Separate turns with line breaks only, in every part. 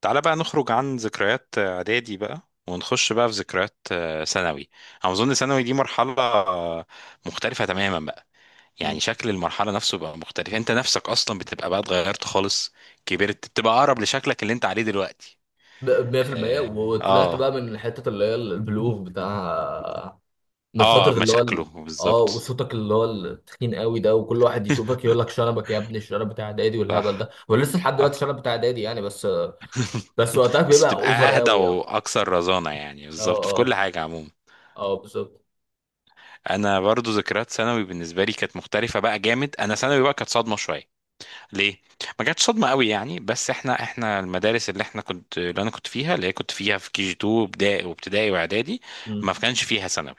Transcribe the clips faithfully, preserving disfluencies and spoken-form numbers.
تعالى بقى نخرج عن ذكريات اعدادي بقى ونخش بقى في ذكريات آه، ثانوي. انا اظن ثانوي دي مرحله آه، مختلفه تماما بقى.
مم.
يعني شكل المرحله نفسه بقى مختلف، انت نفسك اصلا بتبقى بقى اتغيرت خالص، كبرت بتبقى اقرب لشكلك اللي انت عليه دلوقتي.
ب- مية في المية وطلعت بقى
اه.
من حتة اللي هي البلوغ بتاع من
اه. آه،
فترة اللي هو
مشاكله
ال- اه،
بالظبط.
وصوتك اللي هو التخين قوي ده، وكل واحد يشوفك يقول لك شنبك يا ابني، الشنب بتاع اعدادي والهبل ده،
صح.
ولسه لحد دلوقتي
صح.
الشنب بتاع اعدادي يعني. بس بس وقتها
بس
بيبقى
بتبقى
اوفر
اهدى
قوي يعني.
واكثر رزانه يعني،
اه
بالظبط في كل
اه.
حاجه عموما.
اه بالظبط.
انا برضو ذكريات ثانوي بالنسبه لي كانت مختلفه بقى جامد. انا ثانوي بقى كانت صدمه شويه. ليه؟ ما جاتش صدمه قوي يعني، بس احنا احنا المدارس اللي احنا كنت اللي انا كنت فيها اللي هي كنت فيها في كي جي اتنين، ابتدائي وابتدائي واعدادي،
مم.
ما كانش فيها ثانوي.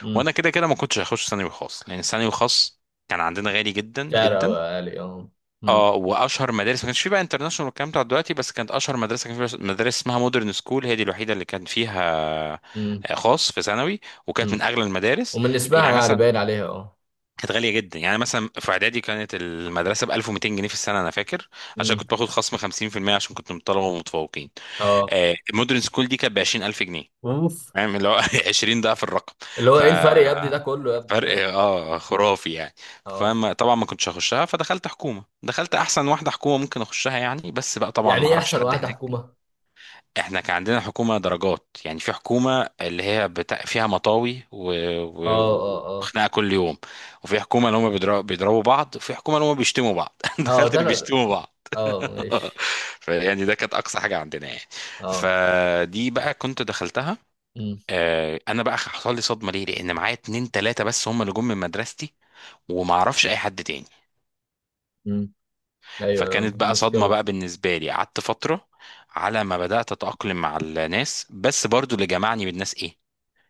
مم.
وانا كده كده ما كنتش هخش ثانوي خاص لان ثانوي خاص كان عندنا غالي جدا
شعر قوي
جدا.
عالي اه. مم.
اه. واشهر مدارس ما كانش فيه بقى انترناشونال والكلام بتاع دلوقتي، بس كانت اشهر مدرسه كان فيها مدرسه اسمها مودرن سكول، هي دي الوحيده اللي كان فيها
مم.
آه، خاص في ثانوي، وكانت من
مم.
اغلى المدارس.
ومن اسمها
يعني
يعني
مثلا
باين عليها اه.
كانت غالية جدا. يعني مثلا في إعدادي كانت المدرسة ب ألف ومئتين جنيه في السنة أنا فاكر. عشان
مم.
كنت باخد خصم خمسين في المية عشان كنت من الطلبة ومتفوقين.
اه.
آه، المودرن سكول دي كانت ب عشرين ألف جنيه،
اوف.
فاهم اللي هو عشرين ضعف الرقم.
اللي هو
ف
ايه الفرق يا ابني ده كله؟ يا ابني فاهم.
فرق اه خرافي يعني.
اه.
فما طبعا ما كنتش هخشها، فدخلت حكومة، دخلت أحسن واحدة حكومة ممكن أخشها يعني، بس بقى طبعا
يعني
ما
ايه
أعرفش
احسن
حد
واحدة
هناك.
حكومة؟
احنا كان عندنا حكومة درجات، يعني في حكومة اللي هي بتا... فيها مطاوي و...
اه
و...
اه.
و-
اه
وخناقة كل يوم. وفي حكومة اللي هم بيضربوا بيضربوا بعض، وفي حكومة اللي هم بيشتموا بعض.
اه.
دخلت
ده
اللي
انا.
بيشتموا بعض.
اه ماشي.
فيعني ده كانت أقصى حاجة عندنا يعني.
اه.
فدي بقى كنت دخلتها.
امم.
آه، أنا بقى حصل لي صدمة ليه، لأن معايا اتنين تلاتة بس هم اللي جم من مدرستي، وما اعرفش اي حد تاني.
امم. ايوه أيوة،
فكانت بقى صدمة
مشكلة.
بقى بالنسبة لي، قعدت فترة على ما بدأت أتأقلم مع الناس. بس برضو اللي جمعني بالناس إيه؟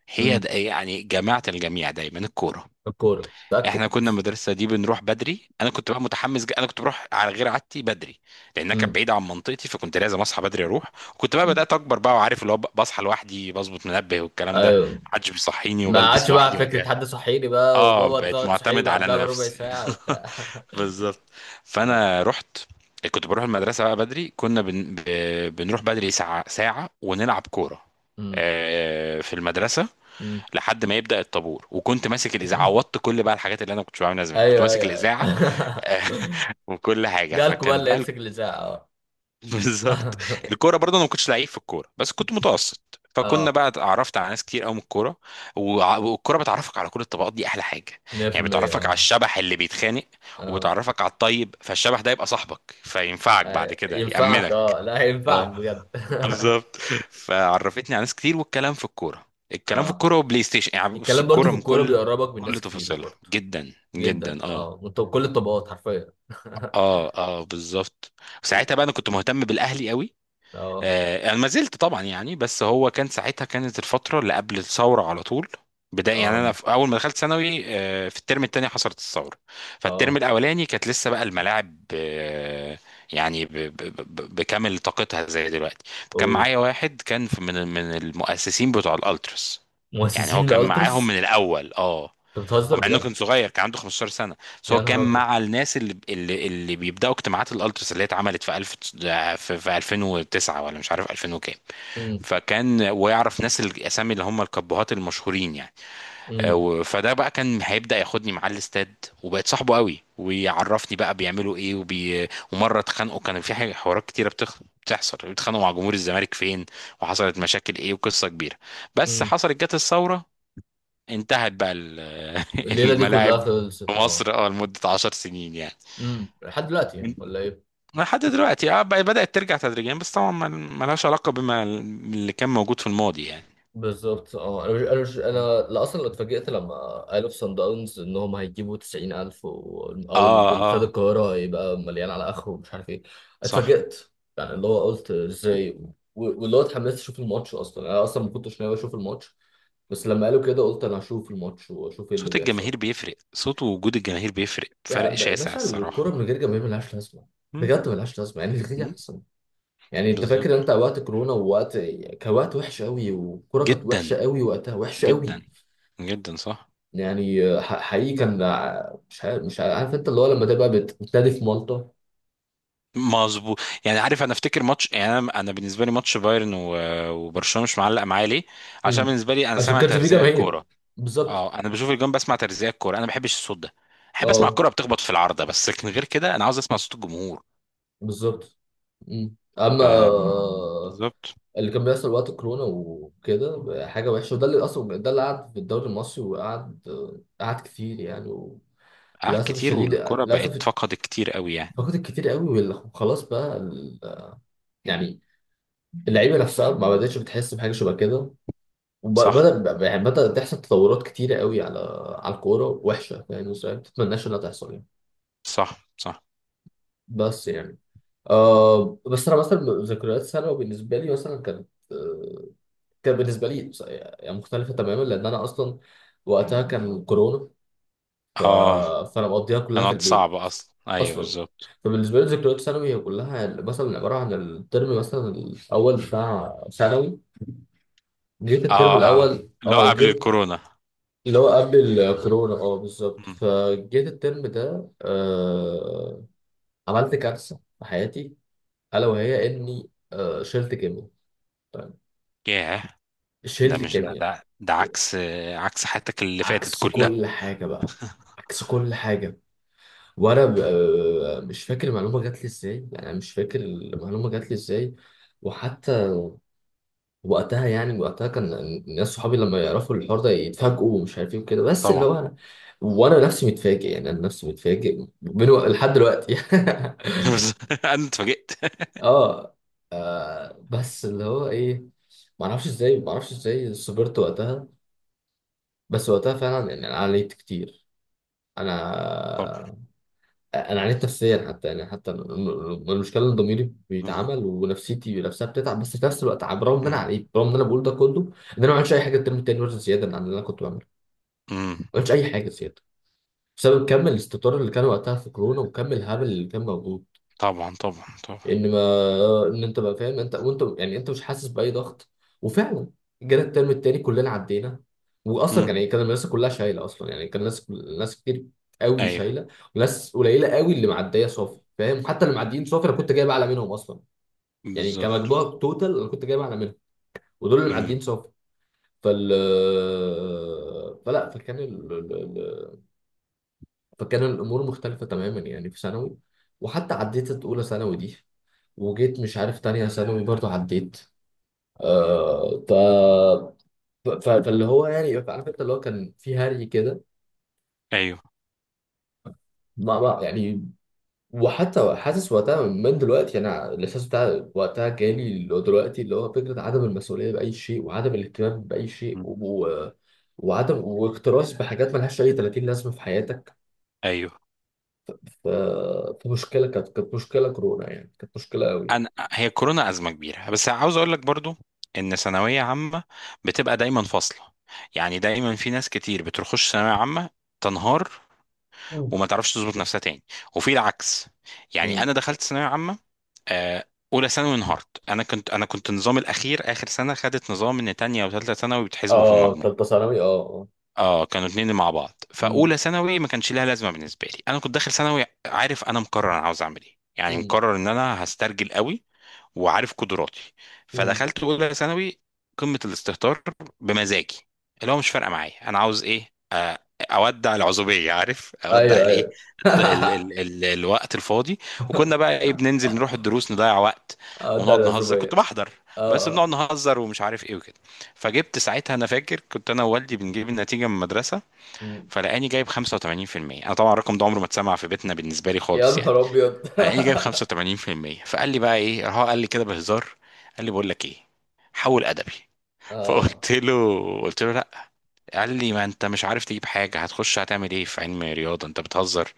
هي
امم.
د- يعني جماعة الجميع دايما الكورة.
الكورة متأكد.
احنا كنا المدرسة دي بنروح بدري. انا كنت بقى متحمس جدا. انا كنت بروح على غير عادتي بدري لانها كانت
امم.
بعيدة عن منطقتي، فكنت لازم اصحى بدري اروح. وكنت بقى بدأت اكبر بقى وعارف اللي هو ب- بصحى لوحدي، بظبط منبه والكلام ده،
ايوه.
محدش بيصحيني،
ما
وبلبس
عادش بقى
لوحدي وأجهز.
فكرة حد صحيني بقى،
اه
وبابا
بقيت
تقعد تصحيني
معتمد
بقى
على
قبلها بربع
نفسي.
ساعة وبتاع.
بالظبط.
اه.
فانا رحت كنت بروح المدرسه بقى بدري. كنا بن... ب... بنروح بدري ساعه ساعه ونلعب كوره
امم.
آه، في المدرسه،
امم.
لحد ما يبدا الطابور. وكنت ماسك الاذاعه، عوضت كل بقى الحاجات اللي انا ما كنتش بعملها زمان. كنت
ايوه
ماسك
ايوه
الاذاعه
ايوه.
وكل حاجه.
جالكوا بقى
فكان
اللي
بقى
يمسك الإذاعة،
بالظبط.
اه.
الكوره برضه انا ما كنتش لعيب في الكوره بس كنت متوسط، فكنا
اه.
بقى اتعرفت على ناس كتير قوي من الكوره. وع- والكوره بتعرفك على كل الطبقات، دي احلى حاجه. يعني
مية في المية.
بتعرفك على
اه
الشبح اللي بيتخانق،
اه.
وبتعرفك على الطيب. فالشبح ده يبقى صاحبك فينفعك بعد
أيوة.
كده
ينفعك،
يأمنك.
اه لا، ينفعك
اه
بجد.
بالظبط. فعرفتني على ناس كتير، والكلام في الكوره، الكلام في
اه.
الكوره وبلاي ستيشن. يعني بص
الكلام برضو
الكوره
في
من
الكورة
كل
بيقربك من
كل
ناس كتير
تفاصيلها
برضو.
جدا
جدا
جدا. اه.
اه، وانت بكل الطبقات حرفيا.
اه. اه بالظبط. ساعتها
أوه.
بقى انا كنت مهتم بالاهلي قوي.
اه
آه، انا ما زلت طبعا يعني، بس هو كان ساعتها كانت الفتره اللي قبل الثوره على طول، بداية. يعني
اه
انا في اول ما دخلت ثانوي آه، في الترم الثاني حصلت الثوره. فالترم
اه
الاولاني كانت لسه بقى الملاعب آه، يعني ب- ب- ب- بكامل طاقتها زي دلوقتي. كان
اه.
معايا واحد كان في- من من المؤسسين بتوع الالتراس، يعني
مؤسسين
هو كان معاهم
الالترس.
من الاول اه.
انت
هو
بتهزر
مع انه
بجد.
كان صغير كان عنده 15 سنه، بس هو
يا نهار
كان
ابيض.
مع الناس اللي اللي, اللي بيبداوا اجتماعات الالتراس اللي هي اتعملت في ألفين في, في ألفين وتسعة ولا مش عارف ألفين وكام.
أمم،
فكان ويعرف ناس الاسامي اللي هم الكبهات المشهورين يعني. آه،
أمم،
و- فده بقى كان هيبدا ياخدني معاه الاستاد، وبقت صاحبه قوي، ويعرفني بقى بيعملوا ايه وبي... ومره اتخانقوا. كان في حاجه حوارات كتيره بتخ... بتحصل بيتخانقوا مع جمهور الزمالك فين، وحصلت مشاكل ايه وقصه كبيره. بس
أمم.
حصلت جت الثوره، انتهت بقى ال-
الليلة دي كلها
الملاعب في
خلصت اه.
مصر اه لمده 10 سنين يعني.
أمم، لحد دلوقتي
يعني
ولا ايه؟
لحد دلوقتي اه بقى- بدأت ترجع تدريجيا، بس طبعا ما- ملهاش علاقة بما اللي كان موجود في الماضي يعني.
بالظبط. اه انا مش انا مش
مم.
انا لا اصلا اتفاجئت لما قالوا في صن داونز ان هم هيجيبوا تسعين الف و... او
اه.
ال- استاد
اه.
القاهره هيبقى مليان على اخره ومش عارف ايه.
صح.
اتفاجئت. يعني اللي هو قلت ازاي. و... واللي هو اتحمست اشوف الماتش. اصلا انا اصلا ما كنتش ناوي اشوف الماتش. بس لما قالوا كده قلت انا هشوف الماتش واشوف ايه اللي
صوت الجماهير
بيحصل.
بيفرق، صوت ووجود الجماهير بيفرق
يا
فرق
ب-
شاسع
باشا، الكوره
الصراحة.
من غير جماهير ملهاش لازمه.
مم.
بجد ملهاش لازمه. يعني الغي
مم.
احسن. يعني انت
بالظبط.
فاكر انت وقت كورونا، ووقت كان وقت وحش قوي، والكوره كانت
جدا.
وحشه قوي وقتها، وحشه
جدا.
قوي.
جدا. صح.
يعني آه، ح- حقيقي كان ع- مش عارف، مش عارف انت اللي هو لما تبقى بت- بتنادي في مالطا.
مظبوط. يعني عارف انا افتكر ماتش، يعني انا انا بالنسبه لي ماتش بايرن و- وبرشلونه مش معلق معايا ليه؟ عشان
امم.
بالنسبه لي انا
عشان ما
سامع
كانش في
ترزيع
جماهير.
الكوره.
بالظبط.
اه انا بشوف الجون بسمع ترزيع الكوره، انا ما بحبش الصوت ده. احب اسمع
اه
الكوره بتخبط في العارضه بس، لكن غير كده انا عاوز اسمع صوت الجمهور.
بالظبط. مم. اما، آه،
بالظبط.
اللي كان بيحصل وقت الكورونا وكده حاجه وحشه، وده اللي اصلا، ده اللي قعد في الدوري المصري. وقعد، آه، قعد كتير يعني.
اه
للاسف
كتير،
الشديد،
والكرة بقت
للاسف.
فقدت كتير قوي يعني.
فقدت كتير قوي وال- وخلاص بقى ال- يعني اللعيبه نفسها ما بداتش بتحس بحاجه شبه كده.
صح.
وبدأ يعني بدأت تحصل تطورات كتيرة قوي على على الكورة وحشة، فاهم ازاي؟ ما تتمناش انها تحصل يعني.
صح. صح.
بس يعني، آه، بس انا مثلا ذكريات ثانوي بالنسبة لي مثلا كانت آه، كان بالنسبة لي بص- يعني مختلفة تماما، لأن أنا أصلا وقتها كان كورونا. ف...
اه
فأنا مقضيها كلها في
كانت
البيت
صعبة اصلا، ايوه
أصلا.
بالظبط.
فبالنسبة لي ذكريات ثانوي هي كلها مثلا عبارة عن الترم مثلا الأول بتاع ثانوي. جيت الترم
اه. اه.
الأول،
لا
اه
قبل
جيت
الكورونا.
اللي هو قبل الكورونا، اه بالظبط.
مم.
فجيت الترم ده، آه، عملت كارثة في حياتي. ألا وهي إني آه شلت كيمياء. طيب.
ياه. ده
شلت
مش ده
كيمياء.
ده, ده عكس، عكس حياتك اللي فاتت
عكس
كلها.
كل حاجة بقى. عكس كل حاجة. وأنا ب- آه مش فاكر المعلومة جات لي إزاي يعني، أنا مش فاكر المعلومة جات لي إزاي. وحتى وقتها، يعني وقتها، كان الناس صحابي لما يعرفوا الحوار ده يتفاجئوا ومش عارف ايه وكده. بس اللي
طبعا.
هو انا، وانا نفسي متفاجئ يعني، انا نفسي متفاجئ من وق- لحد دلوقتي.
بس انا اتفاجئت.
اه. آه، بس اللي هو ايه. ما اعرفش ازاي، ما اعرفش ازاي صبرت وقتها. بس وقتها فعلا يعني انا عليت كتير.
طبعا.
انا انا عانيت نفسيا حتى، يعني حتى الم- المشكله ان ضميري
بالظبط.
بيتعمل ونفسيتي نفسها بتتعب. بس في نفس الوقت عم- رغم ان انا
مم.
عانيت، رغم ان انا بقول ده كله، ان انا ما عملتش اي حاجه الترم التاني مثلا زياده عن اللي انا كنت بعمله.
مم.
ما عملتش اي حاجه زياده بسبب كم الاستطار اللي كان وقتها في كورونا وكم الهبل اللي كان موجود.
طبعا طبعا طبعا.
ان ما ان انت بقى فاهم، انت وانت يعني انت مش حاسس باي ضغط. وفعلا جانا الترم التاني كلنا عدينا. واصلا
مم.
كان يعني كان المدرسه كلها شايله اصلا. يعني كان ناس، ناس كتير قوي
ايوه
شايله. وناس قليله قوي اللي معديه صافي، فاهم؟ حتى اللي معديين صافي انا كنت جايب اعلى منهم اصلا. يعني
بالظبط.
كمجموع توتال انا كنت جايب اعلى منهم، ودول اللي
امم.
معديين صافي. فال فلا فكان ال... ال- ال- فكان الامور مختلفه تماما يعني في ثانوي. وحتى عديت اولى ثانوي دي، وجيت مش عارف تانية ثانوي برضه عديت. آه، ف... ف... فاللي هو يعني عارف انت اللي هو كان في هري كده.
ايوه.
ما ما يعني وحتى حاسس وقتها من دلوقتي، انا الاحساس بتاع وقتها جالي اللي هو دلوقتي، اللي هو فكره عدم المسؤوليه باي شيء، وعدم الاهتمام باي شيء،
مم.
و... وعدم واكتراث بحاجات ملهاش اي ثلاثين لازمه في حياتك.
ايوه.
ف... فمشكله كانت، كانت مشكله كورونا يعني، كانت مشكله قوي.
انا هي كورونا ازمه كبيره، بس عاوز اقول لك برضو ان ثانويه عامه بتبقى دايما فاصله. يعني دايما في ناس كتير بتخش ثانويه عامه تنهار
مم.
وما تعرفش تظبط نفسها تاني، وفي العكس. يعني
امم.
انا دخلت ثانويه عامه آه، اولى ثانوي انهارت. انا كنت انا كنت نظام الاخير اخر سنه خدت نظام ان تانية وثالثه ثانوي بتحسبوا في
اه
المجموع.
تالتة ثانوي، اه اه.
اه كانوا اتنين مع بعض.
امم.
فاولى ثانوي ما كانش لها لازمه بالنسبه لي، انا كنت داخل ثانوي عارف، انا مقرر انا عاوز اعمل ايه يعني،
امم.
مقرر ان انا هسترجل قوي وعارف قدراتي.
امم.
فدخلت اولى ثانوي قمه الاستهتار بمزاجي، اللي هو مش فارقه معايا انا عاوز ايه، اودع العزوبيه عارف، اودع
ايوه
الايه،
ايوه.
الد- ال ال ال الوقت الفاضي. وكنا بقى ايه؟ بننزل نروح الدروس نضيع وقت
اه بتاع
ونقعد نهزر. كنت
الأشوبية.
بحضر
اه.
بس بنقعد
آه.
نهزر ومش عارف ايه وكده. فجبت ساعتها انا فاكر، كنت انا ووالدي بنجيب النتيجه من المدرسه،
مم.
فلقاني جايب خمسة وثمانين في المية. انا طبعا الرقم ده عمره ما اتسمع في بيتنا بالنسبه لي
يا
خالص يعني.
نهار أبيض.
لقاني جايب خمسة وتمانين بالمية. فقال لي بقى ايه؟ راح هو قال لي كده بهزار، قال لي بقول لك ايه؟ حول ادبي.
اه.
فقلت له قلت له لا. قال لي ما انت مش عارف تجيب حاجه، هتخش هتعمل ايه في علم رياضه؟ انت بتهزر.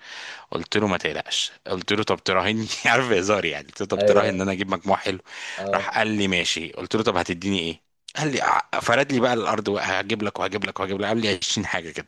قلت له ما تقلقش، قلت له طب تراهني عارف هزار يعني، قلت له طب
أيوه
تراهن ان
أيوة.
انا اجيب مجموع حلو.
اه
راح قال لي ماشي. قلت له طب هتديني ايه؟ قال لي ع- فرد لي بقى الارض، وهجيب لك وهجيب لك وهجيب لك. قال لي 20 حاجه.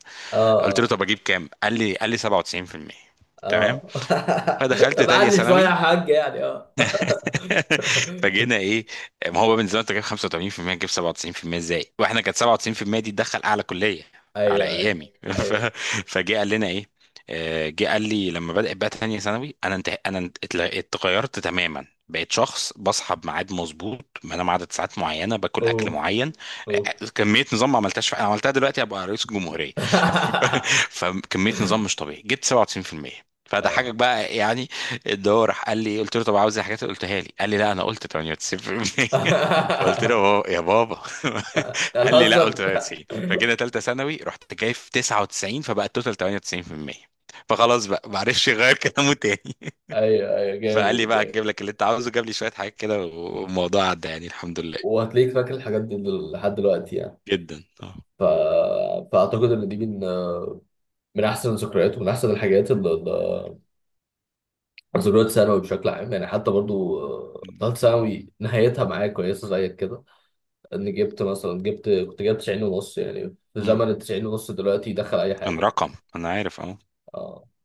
قلت له
اه
طب اجيب كام؟ قال لي قال لي سبعة وتسعين في المية. تمام.
اه اه.
فدخلت
طب
تانية
علي شوية يا
ثانوي.
حاج يعني، اه.
فجينا ايه؟ ما هو بقى من زمان انت جايب خمسة وثمانين في المية، تجيب سبعة وتسعين في المية ازاي؟ واحنا كانت سبعة وتسعين في المية دي تدخل اعلى كلية على
أيوه أيوه
ايامي. ف...
أيوه.
فجه قال لنا ايه؟ آه، جه قال لي لما بدأت بقى تانية ثانوي انا انت... انا انت- اتل- اتغيرت تماما، بقيت شخص بصحى بميعاد مظبوط، بنام عدد ساعات معينه، باكل اكل
أوف.
معين. آه،
أوف.
آه، كميه نظام ما عملتهاش في... عملتها دلوقتي ابقى رئيس الجمهوريه. فكميه نظام مش طبيعي جبت سبعة وتسعين في المية، فده حاجه بقى يعني. اللي هو راح قال لي، قلت له طب عاوز الحاجات اللي قلتها لي، قال لي لا انا قلت تمنية وتسعين بالمية. قلت له بابا- يا بابا. قال لي لا قلت
الحسن.
تمنية وتسعين. فجينا ثالثه ثانوي رحت جايب تسعة وتسعين، فبقى التوتال ثمانية وتسعين في المية. فخلاص بقى معرفش يغير كلامه تاني.
ايوه ايوه،
فقال لي
جامد
بقى
جامد.
هجيب لك اللي انت عاوزه، جاب لي شويه حاجات كده، والموضوع عدى يعني الحمد لله.
وهتلاقيك فاكر الحاجات دي دل- لحد دلوقتي يعني.
جدا اه.
ف... فاعتقد ان دي من من احسن الذكريات ومن احسن الحاجات اللي، ذكريات ثانوي بشكل عام يعني. حتى برضو، آه، ثالث ثانوي نهايتها معايا كويسه زيك كده. ان جبت مثلا، جبت كنت جايب تسعين ونص، يعني في
مم.
زمن ال تسعين ونص دلوقتي يدخل اي
كان
حاجه يعني.
رقم، انا عارف. اه.
اه.